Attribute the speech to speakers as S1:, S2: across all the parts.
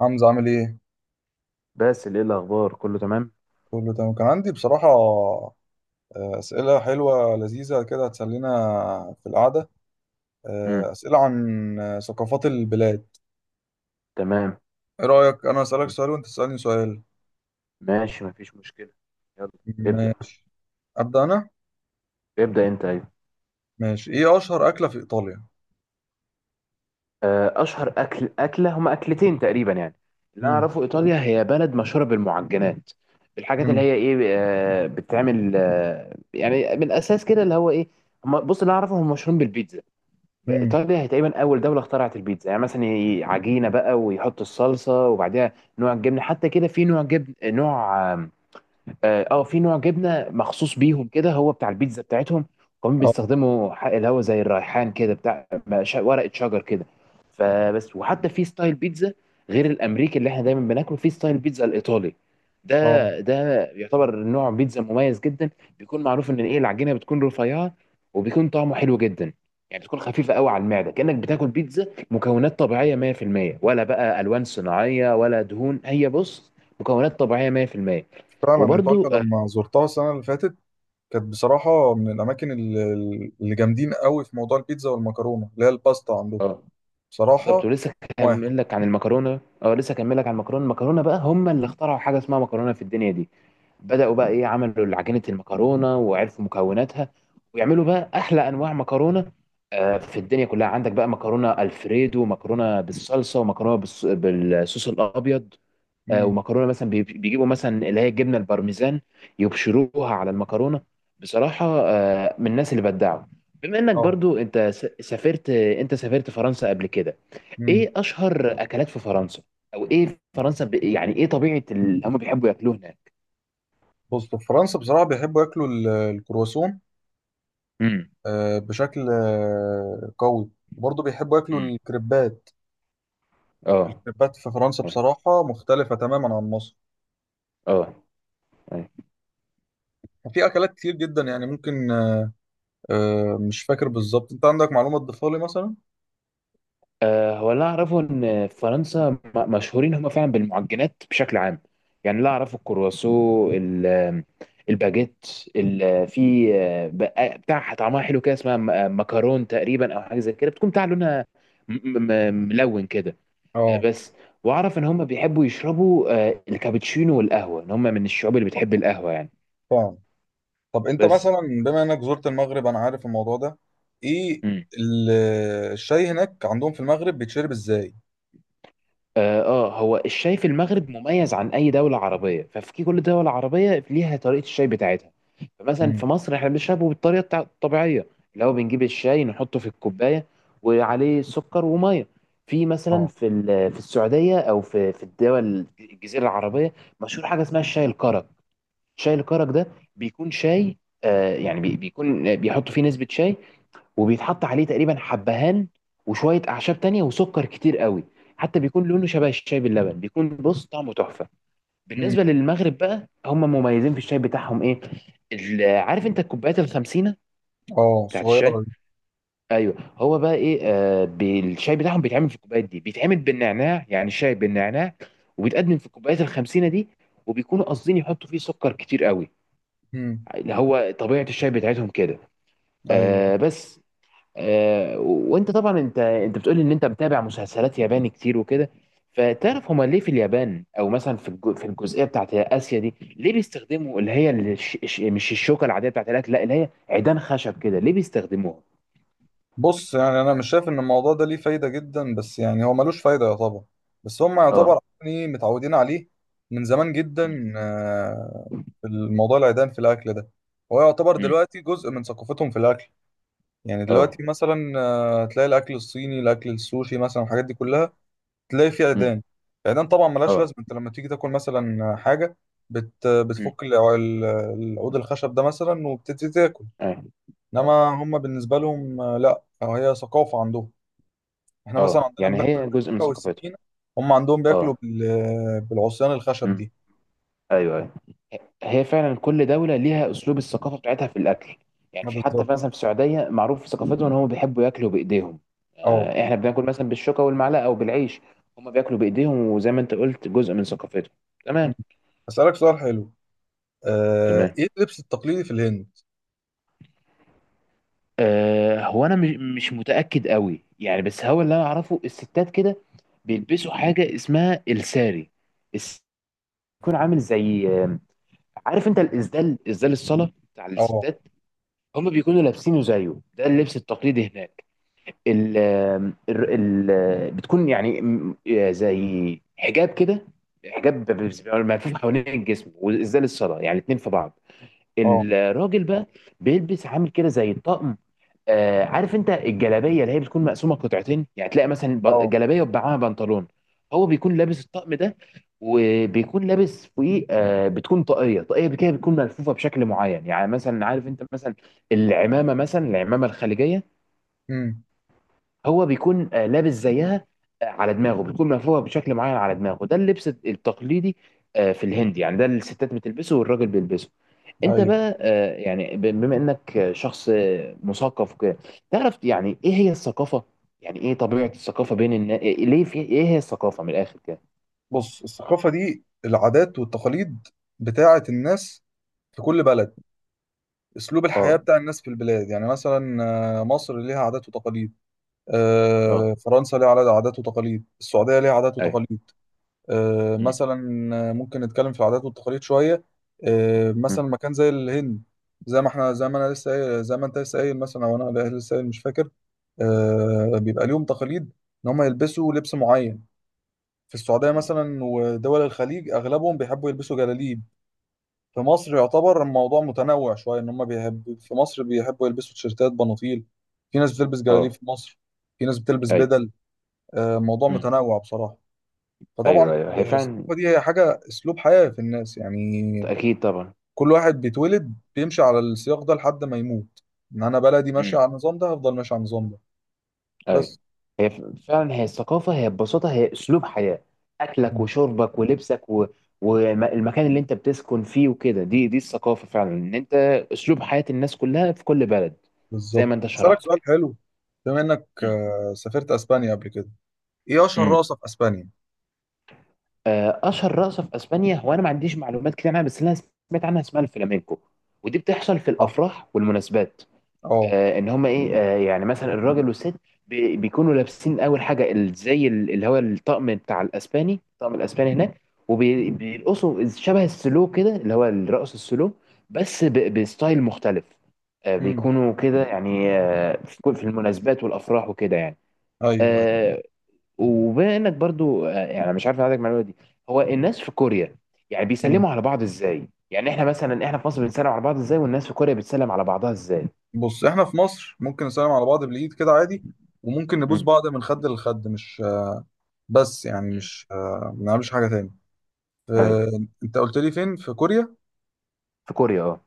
S1: حمزة عامل ايه؟
S2: بس ايه الاخبار؟ كله تمام.
S1: كله تمام، كان عندي بصراحة أسئلة حلوة لذيذة كده هتسلينا في القعدة.
S2: امم
S1: أسئلة عن ثقافات البلاد.
S2: تمام.
S1: ايه رأيك أنا أسألك سؤال وأنت تسألني سؤال؟
S2: ماشي، مفيش مشكله. يلا. ابدا
S1: ماشي. أبدأ أنا؟
S2: ابدا انت، ايوه.
S1: ماشي. ايه أشهر أكلة في إيطاليا؟
S2: اشهر اكله هما اكلتين تقريبا، يعني، اللي انا
S1: مم.
S2: اعرفه ايطاليا هي بلد مشهوره بالمعجنات. الحاجات اللي
S1: مم.
S2: هي ايه، بتتعمل، يعني من الاساس كده اللي هو ايه. هما، بص، اللي أنا اعرفه هم مشهورين بالبيتزا.
S1: مم.
S2: ايطاليا هي تقريبا اول دوله اخترعت البيتزا. يعني مثلا عجينه بقى، ويحط الصلصه، وبعدها نوع الجبنه. حتى كده في نوع جبن، نوع. في نوع جبنه مخصوص بيهم كده، هو بتاع البيتزا بتاعتهم. كمان
S1: اه.
S2: بيستخدموا اللي هو زي الريحان كده، بتاع ورقه شجر كده. فبس، وحتى في ستايل بيتزا غير الامريكي اللي احنا دايما بناكله، في ستايل بيتزا الايطالي
S1: اه.
S2: ده يعتبر نوع بيتزا مميز جدا. بيكون معروف ان ايه العجينه بتكون رفيعه، وبيكون طعمه حلو جدا. يعني بتكون خفيفه قوي على المعده، كانك بتاكل بيتزا مكونات طبيعيه 100%، ولا بقى الوان صناعيه ولا دهون. هي، بص، مكونات طبيعيه 100%.
S1: فعلا إيطاليا
S2: وبرضو،
S1: لما زرتها السنة اللي فاتت كانت بصراحة من الأماكن اللي جامدين قوي في موضوع البيتزا والمكرونة اللي هي الباستا عندهم،
S2: اه، بالظبط.
S1: بصراحة.
S2: ولسه
S1: واحد.
S2: هكمل لك عن المكرونه، لسه هكمل لك عن المكرونه بقى، هم اللي اخترعوا حاجه اسمها مكرونه في الدنيا دي. بداوا بقى، ايه، عملوا عجينه المكرونه وعرفوا مكوناتها، ويعملوا بقى احلى انواع مكرونه في الدنيا كلها. عندك بقى مكرونه الفريدو، ومكرونه بالصلصه، ومكرونه بالصوص الابيض،
S1: مم.
S2: ومكرونه مثلا بيجيبوا مثلا اللي هي الجبنه البارميزان، يبشروها على المكرونه. بصراحه، من الناس اللي بدعوا. بما انك
S1: اه.
S2: برضو سافرت، انت سافرت فرنسا قبل كده،
S1: مم.
S2: ايه اشهر اكلات في فرنسا؟ او ايه فرنسا، يعني ايه طبيعه اللي هم بيحبوا ياكلوه هناك؟
S1: بص، في فرنسا بصراحة بيحبوا ياكلوا الكرواسون
S2: امم
S1: بشكل قوي، وبرضه بيحبوا ياكلوا
S2: امم
S1: الكريبات.
S2: اه
S1: الكريبات في فرنسا
S2: اه
S1: بصراحة مختلفة تماما عن مصر.
S2: اه، أيوة.
S1: في أكلات كتير جدا يعني ممكن، مش فاكر بالظبط. أنت عندك معلومة تضيفها لي مثلا؟
S2: هو اللي اعرفه ان في فرنسا، مشهورين هم فعلا بالمعجنات بشكل عام. يعني اللي اعرفه الكرواسو، الباجيت، في، بتاع طعمها حلو كده، اسمها مكرون تقريبا، او حاجه زي كده، بتكون بتاع لونها م- ملون كده.
S1: اه.
S2: بس. واعرف ان هم بيحبوا يشربوا الكابتشينو والقهوه، ان هم من الشعوب اللي بتحب القهوه، يعني.
S1: فاهم. طب أنت
S2: بس.
S1: مثلا بما إنك زرت المغرب، أنا عارف الموضوع ده. إيه
S2: مم.
S1: ال- الشاي هناك عندهم في المغرب بيتشرب إزاي؟
S2: اه، هو الشاي في المغرب مميز عن اي دوله عربيه. ففي كل دوله عربيه ليها طريقه الشاي بتاعتها. فمثلا
S1: امم.
S2: في مصر احنا بنشربه بالطريقه الطبيعيه، اللي هو بنجيب الشاي، نحطه في الكوبايه، وعليه سكر وميه. مثلا
S1: اه.
S2: في في السعوديه، او في الدول الجزيره العربيه، مشهور حاجه اسمها الشاي الكرك. شاي الكرك ده بيكون شاي، يعني، بيكون بيحطوا فيه نسبة شاي، وبيتحط عليه تقريبا حبهان، وشوية أعشاب تانية، وسكر كتير قوي. حتى بيكون لونه شبه الشاي باللبن، بيكون، بص، طعمه تحفة.
S1: امم.
S2: بالنسبة للمغرب بقى، هم مميزين في الشاي بتاعهم، إيه، عارف أنت الكوبايات الخمسينة
S1: اه،
S2: بتاعت
S1: صغيرة
S2: الشاي؟
S1: دي.
S2: ايوه. هو بقى ايه، الشاي بتاعهم بيتعمل في الكوبايات دي، بيتعمل بالنعناع، يعني الشاي بالنعناع، وبيتقدم في الكوبايات الخمسينة دي. وبيكونوا قاصدين يحطوا فيه سكر كتير قوي،
S1: امم.
S2: اللي هو طبيعه الشاي بتاعتهم كده.
S1: ايوه.
S2: بس. وانت طبعا، انت بتقول ان انت متابع مسلسلات ياباني كتير وكده، فتعرف، هما ليه في اليابان، او مثلا في في الجزئيه بتاعت اسيا دي، ليه بيستخدموا اللي هي مش الشوكه العاديه بتاعت الاكل، لا، اللي هي عيدان خشب كده، ليه بيستخدموها؟
S1: بص، يعني انا مش شايف ان الموضوع ده ليه فايده جدا، بس يعني هو ملوش فايده يعتبر. بس هم
S2: اه.
S1: يعتبر يعني متعودين عليه من زمان
S2: مم.
S1: جدا. في الموضوع العيدان في الاكل ده، هو يعتبر
S2: مم.
S1: دلوقتي جزء من ثقافتهم في الاكل. يعني
S2: اه.
S1: دلوقتي مثلا تلاقي الاكل الصيني، الاكل السوشي مثلا، الحاجات دي كلها تلاقي فيه
S2: مم.
S1: عيدان. العيدان طبعا ملهاش لازمه.
S2: اه.
S1: انت لما تيجي تاكل مثلا حاجه،
S2: مم.
S1: بتفك العود الخشب ده مثلا وبتبتدي تاكل.
S2: اه اه
S1: انما هم بالنسبه لهم لا، أو هي ثقافه عندهم. احنا مثلا
S2: اه،
S1: عندنا
S2: يعني
S1: بناكل
S2: هي جزء من
S1: بالشوكه
S2: ثقافتهم.
S1: والسكينه، هم عندهم بياكلوا
S2: اه.
S1: بالعصيان الخشب
S2: مم.
S1: دي.
S2: ايوه، أيوة. هي فعلا كل دولة ليها أسلوب الثقافة بتاعتها في الأكل. يعني
S1: اه،
S2: في حتى
S1: بالظبط.
S2: مثلا في السعودية معروف في ثقافتهم إن هم بيحبوا ياكلوا بإيديهم.
S1: اه.
S2: إحنا بناكل مثلا بالشوكة والمعلقة أو بالعيش، هم بياكلوا بإيديهم، وزي ما أنت قلت جزء من ثقافتهم. تمام.
S1: مم. اسالك سؤال حلو.
S2: تمام.
S1: ايه اللبس التقليدي في الهند؟
S2: هو أنا مش متأكد قوي يعني، بس هو اللي أنا أعرفه الستات كده بيلبسوا حاجة اسمها الساري. الس- بيكون عامل زي، عارف أنت الإسدال، إسدال الصلاة بتاع
S1: اه.
S2: الستات؟ هم بيكونوا لابسينه زيه. ده اللبس التقليدي هناك. ال ال ال بتكون يعني، زي حجاب كده. حجاب ملفوف حوالين الجسم، وازاي للصلاه، يعني اتنين في بعض.
S1: اه.
S2: الراجل بقى بيلبس عامل كده زي الطقم. عارف انت الجلابيه اللي هي بتكون مقسومه قطعتين، يعني تلاقي مثلا
S1: اه.
S2: جلابيه وبعها بنطلون. هو بيكون لابس الطقم ده، وبيكون لابس فوقيه بتكون طاقيه، طاقيه كده بتكون ملفوفه بشكل معين. يعني مثلا عارف انت مثلا، العمامه مثلا، العمامه الخليجيه،
S1: امم.
S2: هو بيكون لابس زيها. على دماغه بتكون مرفوعه بشكل معين على دماغه. ده اللبس التقليدي في الهند، يعني ده اللي الستات بتلبسه والراجل بيلبسه. انت
S1: ايوه.
S2: بقى، يعني بما انك، شخص مثقف وكده، تعرف يعني ايه هي الثقافه؟ يعني ايه طبيعه الثقافه بين الناس، ليه، في، ايه هي الثقافه من الاخر كده؟
S1: بص، الثقافه دي العادات والتقاليد بتاعه الناس في كل بلد، اسلوب الحياه
S2: اه.
S1: بتاع الناس في البلاد. يعني مثلا مصر ليها عادات وتقاليد،
S2: اه.
S1: فرنسا ليها عادات وتقاليد، السعوديه ليها عادات
S2: ايوه.
S1: وتقاليد.
S2: مم.
S1: مثلا ممكن نتكلم في العادات والتقاليد شويه.
S2: مم.
S1: مثلا مكان زي الهند، زي ما احنا، زي ما انا لسه قايل، زي ما انت لسه قايل مثلا، او انا لسه قايل مش فاكر، بيبقى ليهم تقاليد ان هم يلبسوا لبس معين. في السعوديه
S2: مم.
S1: مثلا ودول الخليج اغلبهم بيحبوا يلبسوا جلاليب. في مصر يعتبر الموضوع متنوع شويه، ان هم بيحب في مصر بيحبوا يلبسوا تيشيرتات بناطيل، في ناس بتلبس جلاليب
S2: اه.
S1: في مصر، في ناس بتلبس
S2: ايوه.
S1: بدل. الموضوع
S2: مم.
S1: متنوع بصراحه. فطبعا
S2: ايوه ايوه، هي فعلا.
S1: الثقافة دي هي حاجة أسلوب حياة في الناس. يعني
S2: اكيد طبعا.
S1: كل واحد بيتولد بيمشي على السياق ده لحد ما يموت. إن أنا بلدي ماشية على النظام ده، هفضل ماشي على النظام ده
S2: ايوه.
S1: بس.
S2: هي فعلا، هي الثقافه هي ببساطه هي اسلوب حياه، اكلك
S1: مم.
S2: وشربك ولبسك و، والمكان اللي انت بتسكن فيه وكده. دي الثقافه فعلا، ان انت اسلوب حياه الناس كلها في كل بلد، زي ما
S1: بالظبط.
S2: انت
S1: أسألك
S2: شرحت
S1: سؤال
S2: كده.
S1: حلو. بما إنك
S2: مم.
S1: سافرت أسبانيا قبل كده، إيه أشهر
S2: مم.
S1: رقصة في أسبانيا؟
S2: اشهر رقصه في اسبانيا، هو انا ما عنديش معلومات كتير عنها، بس اللي انا سمعت عنها اسمها الفلامينكو. ودي بتحصل في
S1: صح.
S2: الافراح والمناسبات.
S1: أه.
S2: ان هما ايه، يعني مثلا الراجل والست بيكونوا لابسين اول حاجه زي اللي هو الطقم بتاع الاسباني، الطقم الاسباني هناك، وبيرقصوا شبه السلو كده، اللي هو الرقص السلو، بس بستايل مختلف.
S1: أمم.
S2: بيكونوا كده يعني، في في المناسبات والافراح وكده، يعني.
S1: أيوه. أيوه.
S2: آه، وبما انك برضو، يعني مش عارف عندك المعلومه دي، هو الناس في كوريا يعني
S1: مم.
S2: بيسلموا على بعض ازاي؟ يعني احنا مثلا في مصر بنسلم على بعض ازاي، والناس في كوريا بتسلم على بعضها ازاي؟
S1: بص، إحنا في مصر ممكن نسلم على بعض بالإيد كده عادي، وممكن نبوس بعض من خد لخد، مش بس يعني
S2: مم.
S1: مش ما بنعملش حاجة تاني.
S2: ايوه.
S1: أنت قلت لي فين؟ في كوريا؟
S2: في كوريا، اه.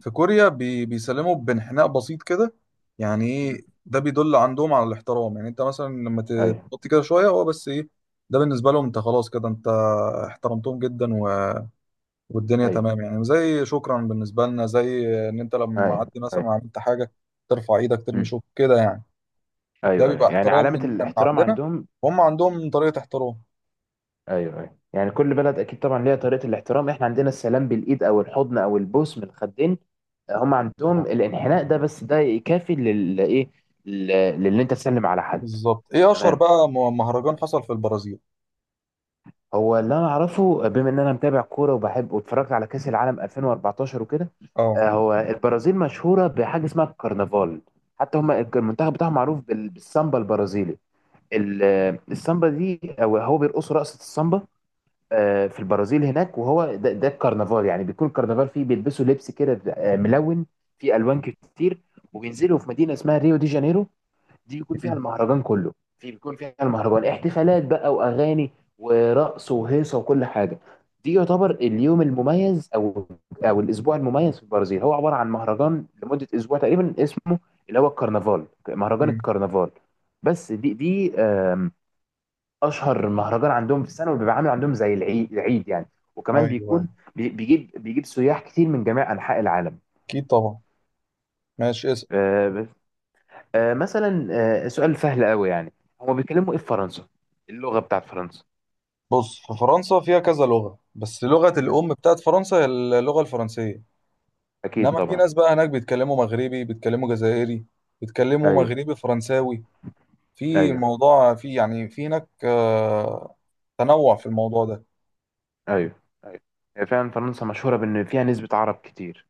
S1: في كوريا بيسلموا بانحناء بسيط كده، يعني
S2: مم.
S1: ايه ده؟ بيدل عندهم على الاحترام. يعني انت مثلا لما
S2: ايوه
S1: تحط كده شويه، هو بس ايه، ده بالنسبه لهم انت خلاص كده، انت احترمتهم جدا، و... والدنيا
S2: ايوه
S1: تمام. يعني زي شكرا بالنسبه لنا، زي ان انت لما
S2: ايوه
S1: عدي
S2: ايوه.
S1: مثلا عملت حاجه ترفع ايدك ترمي
S2: مم.
S1: شوك كده يعني. ده
S2: ايوه ايوه،
S1: بيبقى
S2: يعني
S1: احترام
S2: علامة
S1: من
S2: الاحترام
S1: عندنا،
S2: عندهم.
S1: وهم
S2: مم.
S1: عندهم طريقه احترام.
S2: ايوه ايوه، يعني كل بلد اكيد طبعا ليها طريقة الاحترام. احنا عندنا السلام بالايد، او الحضن، او البوس من الخدين. هم
S1: اه،
S2: عندهم الانحناء ده، بس ده يكافي لل، ايه، لل- للي انت تسلم على حد.
S1: بالظبط. ايه اشهر
S2: تمام.
S1: بقى مهرجان حصل في البرازيل؟
S2: هو اللي انا اعرفه، بما ان انا متابع كوره وبحب، واتفرجت على كاس العالم 2014 وكده،
S1: اه.
S2: هو البرازيل مشهوره بحاجه اسمها الكرنفال. حتى هم المنتخب بتاعهم معروف بالسامبا البرازيلي، السامبا دي، أو هو بيرقصوا رقصه السامبا في البرازيل هناك. وهو ده الكرنفال، يعني بيكون الكرنفال فيه، بيلبسوا لبس كده ملون، فيه الوان كتير. وبينزلوا في مدينه اسمها ريو دي جانيرو. دي بيكون فيها
S1: م-
S2: المهرجان كله، بيكون فيها المهرجان، احتفالات بقى واغاني ورقص وهيصه وكل حاجه. دي يعتبر اليوم المميز، او الاسبوع المميز في البرازيل. هو عباره عن مهرجان لمده اسبوع تقريبا، اسمه اللي هو الكرنفال، مهرجان
S1: م-
S2: الكرنفال. بس، دي اشهر مهرجان عندهم في السنه، وبيبقى عامل عندهم زي العيد العيد، يعني. وكمان
S1: ايوه. أيوة.
S2: بيكون بيجيب سياح كتير من جميع انحاء العالم.
S1: اكيد طبعا. ماشي.
S2: آه، مثلا، سؤال سهل قوي يعني، هما بيتكلموا ايه في فرنسا؟ اللغة بتاعت فرنسا؟
S1: بص، في فرنسا فيها كذا لغة، بس لغة
S2: مم.
S1: الأم بتاعت فرنسا هي اللغة الفرنسية.
S2: اكيد
S1: إنما في
S2: طبعا.
S1: ناس بقى هناك بيتكلموا مغربي، بيتكلموا جزائري، بيتكلموا
S2: ايوه
S1: مغربي فرنساوي. في
S2: ايوه.
S1: الموضوع في يعني في هناك تنوع في الموضوع ده.
S2: ايوه ايوه، هي فعلا فرنسا مشهورة بان فيها نسبة عرب كتير.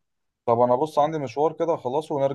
S1: طب أنا بص، عندي مشوار كده، خلاص ونرجع.